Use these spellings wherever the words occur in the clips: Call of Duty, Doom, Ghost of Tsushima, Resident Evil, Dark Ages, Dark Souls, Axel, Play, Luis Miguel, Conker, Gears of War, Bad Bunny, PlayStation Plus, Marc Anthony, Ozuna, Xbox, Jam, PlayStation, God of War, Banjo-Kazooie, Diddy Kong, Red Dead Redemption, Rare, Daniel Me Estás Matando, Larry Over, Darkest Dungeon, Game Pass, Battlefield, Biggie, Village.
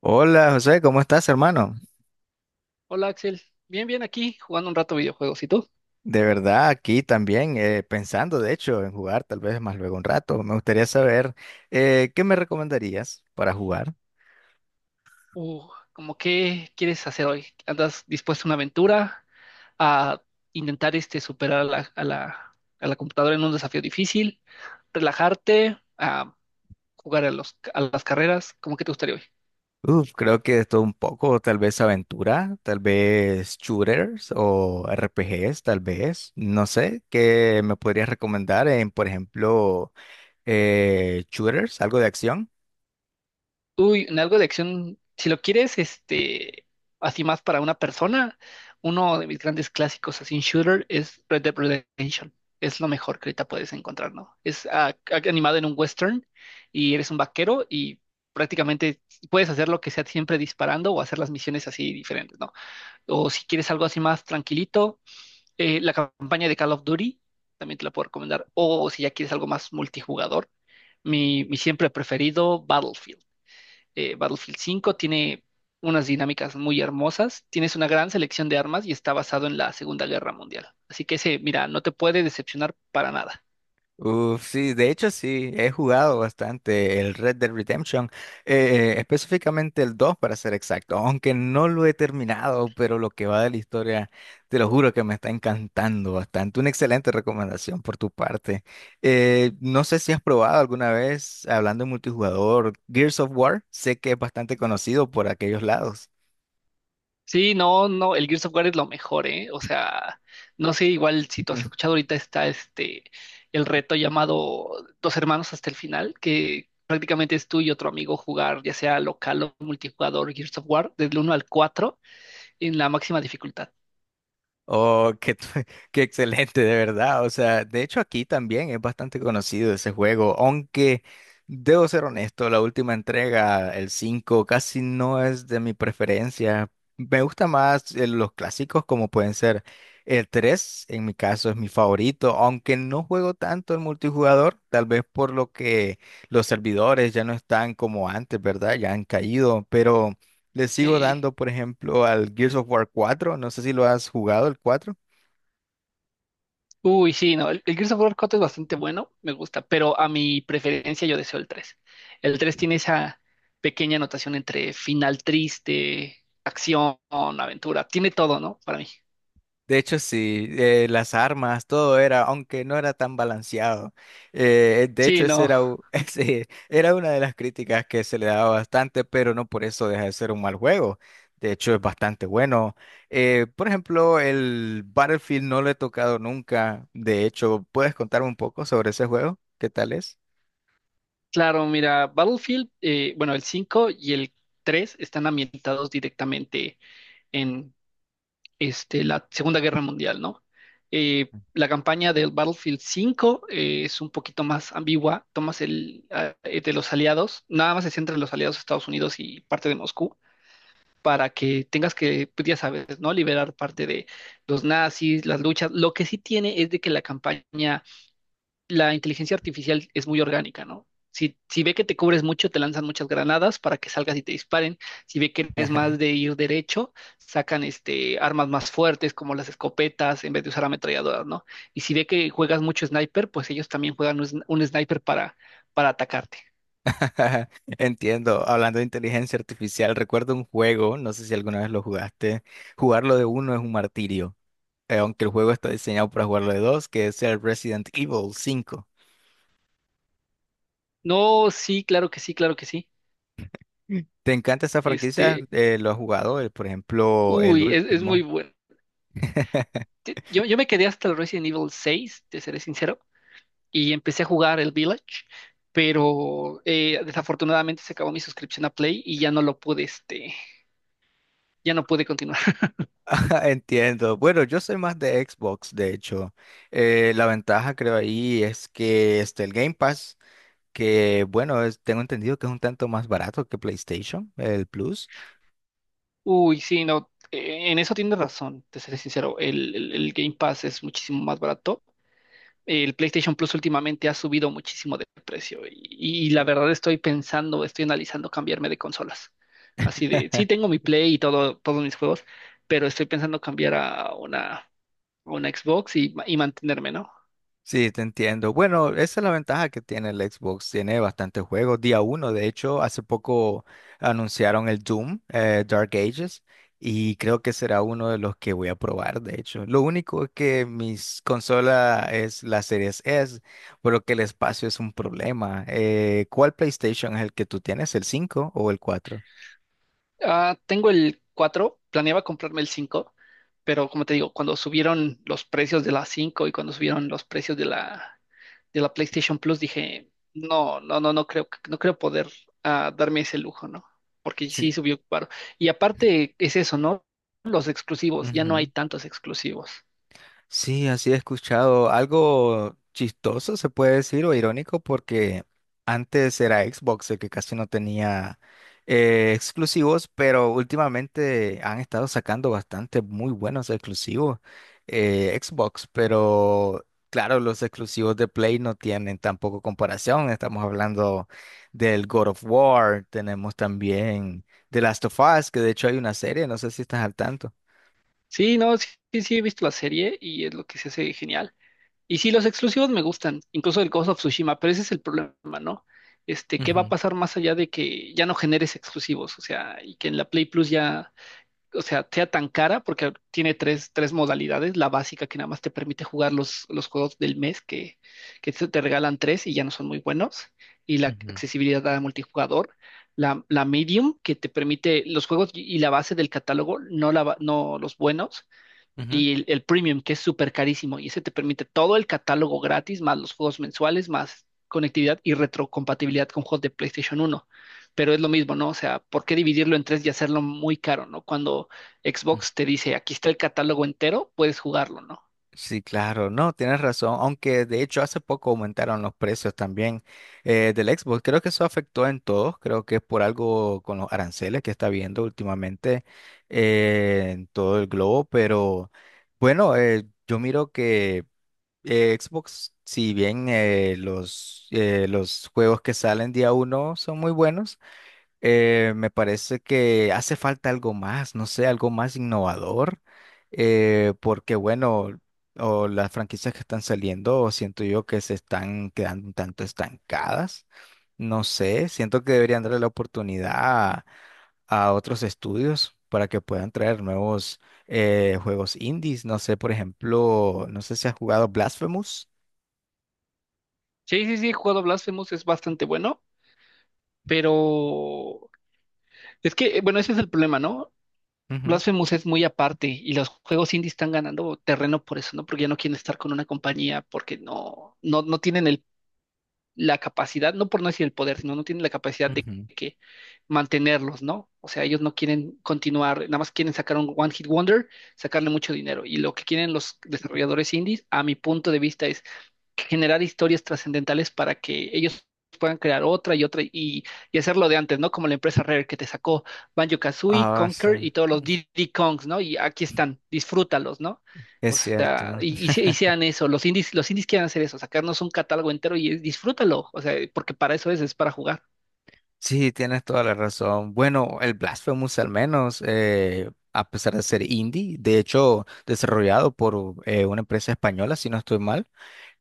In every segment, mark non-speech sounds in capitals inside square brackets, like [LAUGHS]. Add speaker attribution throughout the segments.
Speaker 1: Hola José, ¿cómo estás, hermano?
Speaker 2: Hola Axel, bien, bien aquí jugando un rato videojuegos. ¿Y tú?
Speaker 1: De verdad, aquí también pensando, de hecho, en jugar tal vez más luego un rato. Me gustaría saber qué me recomendarías para jugar.
Speaker 2: Uh, ¿Cómo qué quieres hacer hoy? ¿Andas dispuesto a una aventura? ¿A intentar superar a la computadora en un desafío difícil? ¿Relajarte? ¿A jugar a las carreras? ¿Cómo que te gustaría hoy?
Speaker 1: Uf, creo que esto un poco, tal vez aventura, tal vez shooters o RPGs, tal vez. No sé, ¿qué me podrías recomendar en, por ejemplo, shooters, algo de acción?
Speaker 2: Uy, en algo de acción, si lo quieres, así más para una persona, uno de mis grandes clásicos así en shooter es Red Dead Redemption. Es lo mejor que ahorita puedes encontrar, ¿no? Es animado en un western y eres un vaquero y prácticamente puedes hacer lo que sea siempre disparando o hacer las misiones así diferentes, ¿no? O si quieres algo así más tranquilito, la campaña de Call of Duty también te la puedo recomendar. O si ya quieres algo más multijugador, mi siempre preferido, Battlefield 5 tiene unas dinámicas muy hermosas, tienes una gran selección de armas y está basado en la Segunda Guerra Mundial. Así que ese, mira, no te puede decepcionar para nada.
Speaker 1: Uf, sí, de hecho sí, he jugado bastante el Red Dead Redemption, específicamente el 2 para ser exacto, aunque no lo he terminado, pero lo que va de la historia, te lo juro que me está encantando bastante. Una excelente recomendación por tu parte. No sé si has probado alguna vez, hablando de multijugador, Gears of War, sé que es bastante conocido por aquellos lados.
Speaker 2: Sí, no, no, el Gears of War es lo mejor, ¿eh? O sea, no sé, igual si tú has
Speaker 1: [LAUGHS]
Speaker 2: escuchado ahorita está el reto llamado Dos Hermanos hasta el final, que prácticamente es tú y otro amigo jugar, ya sea local o multijugador, Gears of War, del uno al 4 en la máxima dificultad.
Speaker 1: Oh, qué, [LAUGHS] qué excelente, de verdad. O sea, de hecho aquí también es bastante conocido ese juego, aunque debo ser honesto, la última entrega, el 5, casi no es de mi preferencia. Me gusta más los clásicos como pueden ser el 3, en mi caso es mi favorito, aunque no juego tanto el multijugador, tal vez por lo que los servidores ya no están como antes, ¿verdad? Ya han caído, pero... Le sigo
Speaker 2: Sí.
Speaker 1: dando, por ejemplo, al Gears of War 4. No sé si lo has jugado, el 4.
Speaker 2: Uy, sí, no, el Gears of War 4 es bastante bueno, me gusta, pero a mi preferencia yo deseo el tres. El 3 tiene esa pequeña anotación entre final triste, acción, aventura, tiene todo, ¿no? Para mí.
Speaker 1: De hecho, sí, las armas, todo era, aunque no era tan balanceado. De
Speaker 2: Sí,
Speaker 1: hecho, ese
Speaker 2: no,
Speaker 1: era, [LAUGHS] ese era una de las críticas que se le daba bastante, pero no por eso deja de ser un mal juego. De hecho, es bastante bueno. Por ejemplo, el Battlefield no lo he tocado nunca. De hecho, ¿puedes contarme un poco sobre ese juego? ¿Qué tal es?
Speaker 2: claro, mira, bueno, el 5 y el 3 están ambientados directamente en la Segunda Guerra Mundial, ¿no? La campaña del Battlefield cinco es un poquito más ambigua, tomas el de los aliados, nada más se centra en los aliados de Estados Unidos y parte de Moscú, para que tengas que, pues, ya sabes, ¿no? Liberar parte de los nazis, las luchas. Lo que sí tiene es de que la campaña la inteligencia artificial es muy orgánica, ¿no? Si ve que te cubres mucho, te lanzan muchas granadas para que salgas y te disparen. Si ve que eres más de ir derecho, sacan armas más fuertes como las escopetas en vez de usar ametralladoras, ¿no? Y si ve que juegas mucho sniper, pues ellos también juegan un sniper para atacarte.
Speaker 1: [LAUGHS] Ajá, entiendo. Hablando de inteligencia artificial, recuerdo un juego, no sé si alguna vez lo jugaste. Jugarlo de uno es un martirio, aunque el juego está diseñado para jugarlo de dos, que es el Resident Evil cinco.
Speaker 2: No, sí, claro que sí, claro que sí.
Speaker 1: Mm. ¿Te encanta esta franquicia?
Speaker 2: Este,
Speaker 1: ¿Lo has jugado? Por ejemplo, el
Speaker 2: uy, es muy
Speaker 1: último.
Speaker 2: bueno.
Speaker 1: [LAUGHS]
Speaker 2: Yo me quedé hasta el Resident Evil 6, te seré sincero, y empecé a jugar el Village, pero desafortunadamente se acabó mi suscripción a Play y ya no lo pude, ya no pude continuar.
Speaker 1: Entiendo. Bueno, yo soy más de Xbox, de hecho. La ventaja creo ahí es que este, el Game Pass, que bueno, tengo entendido que es un tanto más barato que PlayStation, el Plus.
Speaker 2: [LAUGHS] Uy, sí, no, en eso tienes razón, te seré sincero, el Game Pass es muchísimo más barato. El PlayStation Plus últimamente ha subido muchísimo de precio y la verdad estoy pensando, estoy analizando cambiarme de consolas. Así de, sí
Speaker 1: [LAUGHS]
Speaker 2: tengo mi Play y todo, todos mis juegos, pero estoy pensando cambiar a una Xbox y mantenerme, ¿no?
Speaker 1: Sí, te entiendo. Bueno, esa es la ventaja que tiene el Xbox. Tiene bastantes juegos. Día uno, de hecho, hace poco anunciaron el Doom, Dark Ages, y creo que será uno de los que voy a probar, de hecho. Lo único es que mis consola es la Series S, por lo que el espacio es un problema. ¿Cuál PlayStation es el que tú tienes? ¿El 5 o el cuatro?
Speaker 2: Ah, tengo el cuatro, planeaba comprarme el cinco, pero como te digo, cuando subieron los precios de la 5 y cuando subieron los precios de la PlayStation Plus, dije, no, no, no, no creo, que- no creo poder darme ese lujo, ¿no? Porque sí
Speaker 1: Sí.
Speaker 2: subió caro. Y aparte es eso, ¿no? Los exclusivos, ya no hay tantos exclusivos.
Speaker 1: Sí, así he escuchado algo chistoso, se puede decir, o irónico, porque antes era Xbox el que casi no tenía exclusivos, pero últimamente han estado sacando bastante muy buenos exclusivos Xbox, pero claro, los exclusivos de Play no tienen tampoco comparación. Estamos hablando del God of War, tenemos también The Last of Us, que de hecho hay una serie, no sé si estás al tanto.
Speaker 2: Sí, no, sí, sí, sí, he visto la serie y es lo que se hace genial. Y sí, los exclusivos me gustan, incluso el Ghost of Tsushima, pero ese es el problema, ¿no? ¿Qué va a
Speaker 1: Ujú,
Speaker 2: pasar más allá de que ya no generes exclusivos? O sea, y que en la Play Plus ya, o sea, sea tan cara, porque tiene tres modalidades, la básica que nada más te permite jugar los juegos del mes, que, que te regalan tres y ya no son muy buenos, y la
Speaker 1: ujú,
Speaker 2: accesibilidad a multijugador, la medium, que te permite los juegos y la base del catálogo, no, no los buenos
Speaker 1: ujú, ujú.
Speaker 2: y el premium, que es súper carísimo, y ese te permite todo el catálogo gratis, más los juegos mensuales, más conectividad y retrocompatibilidad con juegos de PlayStation uno. Pero es lo mismo, ¿no? O sea, ¿por qué dividirlo en tres y hacerlo muy caro, ¿no? Cuando Xbox te dice, aquí está el catálogo entero, puedes jugarlo, ¿no?
Speaker 1: Sí, claro, no, tienes razón, aunque de hecho hace poco aumentaron los precios también del Xbox, creo que eso afectó en todos, creo que es por algo con los aranceles que está viendo últimamente en todo el globo, pero bueno, yo miro que Xbox, si bien los juegos que salen día uno son muy buenos, me parece que hace falta algo más, no sé, algo más innovador, porque bueno, o las franquicias que están saliendo, siento yo que se están quedando un tanto estancadas, no sé, siento que deberían darle la oportunidad a otros estudios para que puedan traer nuevos juegos indies, no sé, por ejemplo, no sé si has jugado Blasphemous.
Speaker 2: Sí, sí, sí, el juego Blasphemous es bastante bueno, pero es que, bueno, ese es el problema, ¿no?
Speaker 1: Ujú.
Speaker 2: Blasphemous es muy aparte y los juegos indie están ganando terreno por eso, ¿no? Porque ya no quieren estar con una compañía porque no tienen el la capacidad, no por no decir el poder, sino no tienen la capacidad de
Speaker 1: Ujú.
Speaker 2: que mantenerlos, ¿no? O sea, ellos no quieren continuar, nada más quieren sacar un One Hit Wonder, sacarle mucho dinero. Y lo que quieren los desarrolladores indies, a mi punto de vista, es generar historias trascendentales para que ellos puedan crear otra y otra y hacerlo de antes, ¿no? Como la empresa Rare que te sacó Banjo-Kazooie,
Speaker 1: Ah, sí.
Speaker 2: Conker y todos los Diddy Kongs, ¿no? Y aquí están, disfrútalos, ¿no?
Speaker 1: Es
Speaker 2: O sea,
Speaker 1: cierto.
Speaker 2: y sean eso, los indies quieren hacer eso, sacarnos un catálogo entero y disfrútalo, o sea, porque para eso es para jugar.
Speaker 1: Sí, tienes toda la razón. Bueno, el Blasphemous al menos, a pesar de ser indie, de hecho desarrollado por una empresa española, si no estoy mal,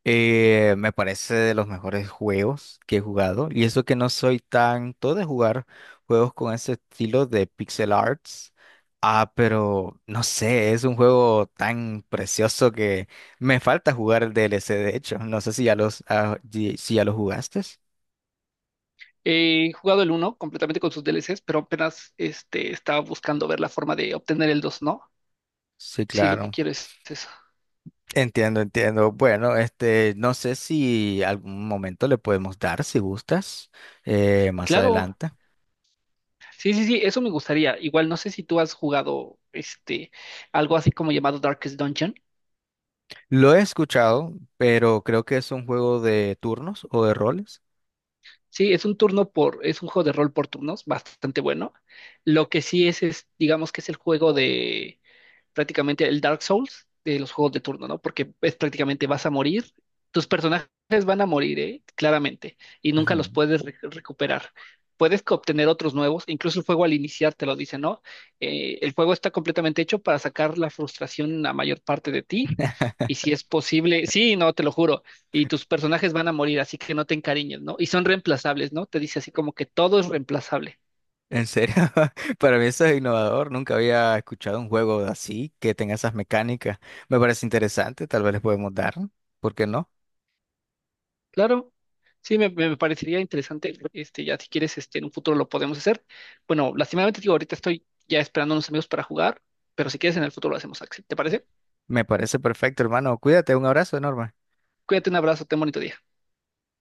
Speaker 1: me parece de los mejores juegos que he jugado. Y eso que no soy tanto de jugar juegos con ese estilo de pixel arts. Ah, pero no sé, es un juego tan precioso que me falta jugar el DLC, de hecho. No sé si ya los, ah, si ya lo jugaste.
Speaker 2: He jugado el uno completamente con sus DLCs, pero apenas estaba buscando ver la forma de obtener el dos, ¿no?
Speaker 1: Sí,
Speaker 2: Si lo que
Speaker 1: claro.
Speaker 2: quiero es eso.
Speaker 1: Entiendo, entiendo. Bueno, este, no sé si algún momento le podemos dar, si gustas, más
Speaker 2: Claro,
Speaker 1: adelante.
Speaker 2: sí, sí, sí, eso me gustaría. Igual no sé si tú has jugado algo así como llamado Darkest Dungeon.
Speaker 1: Lo he escuchado, pero creo que es un juego de turnos o de roles.
Speaker 2: Sí, es un turno por, es un juego de rol por turnos, bastante bueno. Lo que sí es, digamos que es el juego de prácticamente el Dark Souls de los juegos de turno, ¿no? Porque es prácticamente vas a morir, tus personajes van a morir, ¿eh? Claramente, y nunca los
Speaker 1: Ujú.
Speaker 2: puedes re- recuperar. Puedes co- obtener otros nuevos, incluso el juego al iniciar te lo dice, ¿no? El juego está completamente hecho para sacar la frustración la mayor parte de ti. Y si es posible, sí, no, te lo juro, y tus personajes van a morir, así que no te encariñes, ¿no? Y son reemplazables, ¿no? Te dice así como que todo es reemplazable.
Speaker 1: ¿En serio? [LAUGHS] Para mí eso es innovador. Nunca había escuchado un juego así que tenga esas mecánicas. Me parece interesante. Tal vez les podemos dar. ¿Por qué no?
Speaker 2: Claro, sí, me parecería interesante. Ya si quieres, en un futuro lo podemos hacer. Bueno, lastimadamente digo, ahorita estoy ya esperando a unos amigos para jugar, pero si quieres, en el futuro lo hacemos, Axel. ¿Te parece?
Speaker 1: Me parece perfecto, hermano. Cuídate. Un abrazo enorme.
Speaker 2: Cuídate, un abrazo, ten bonito día.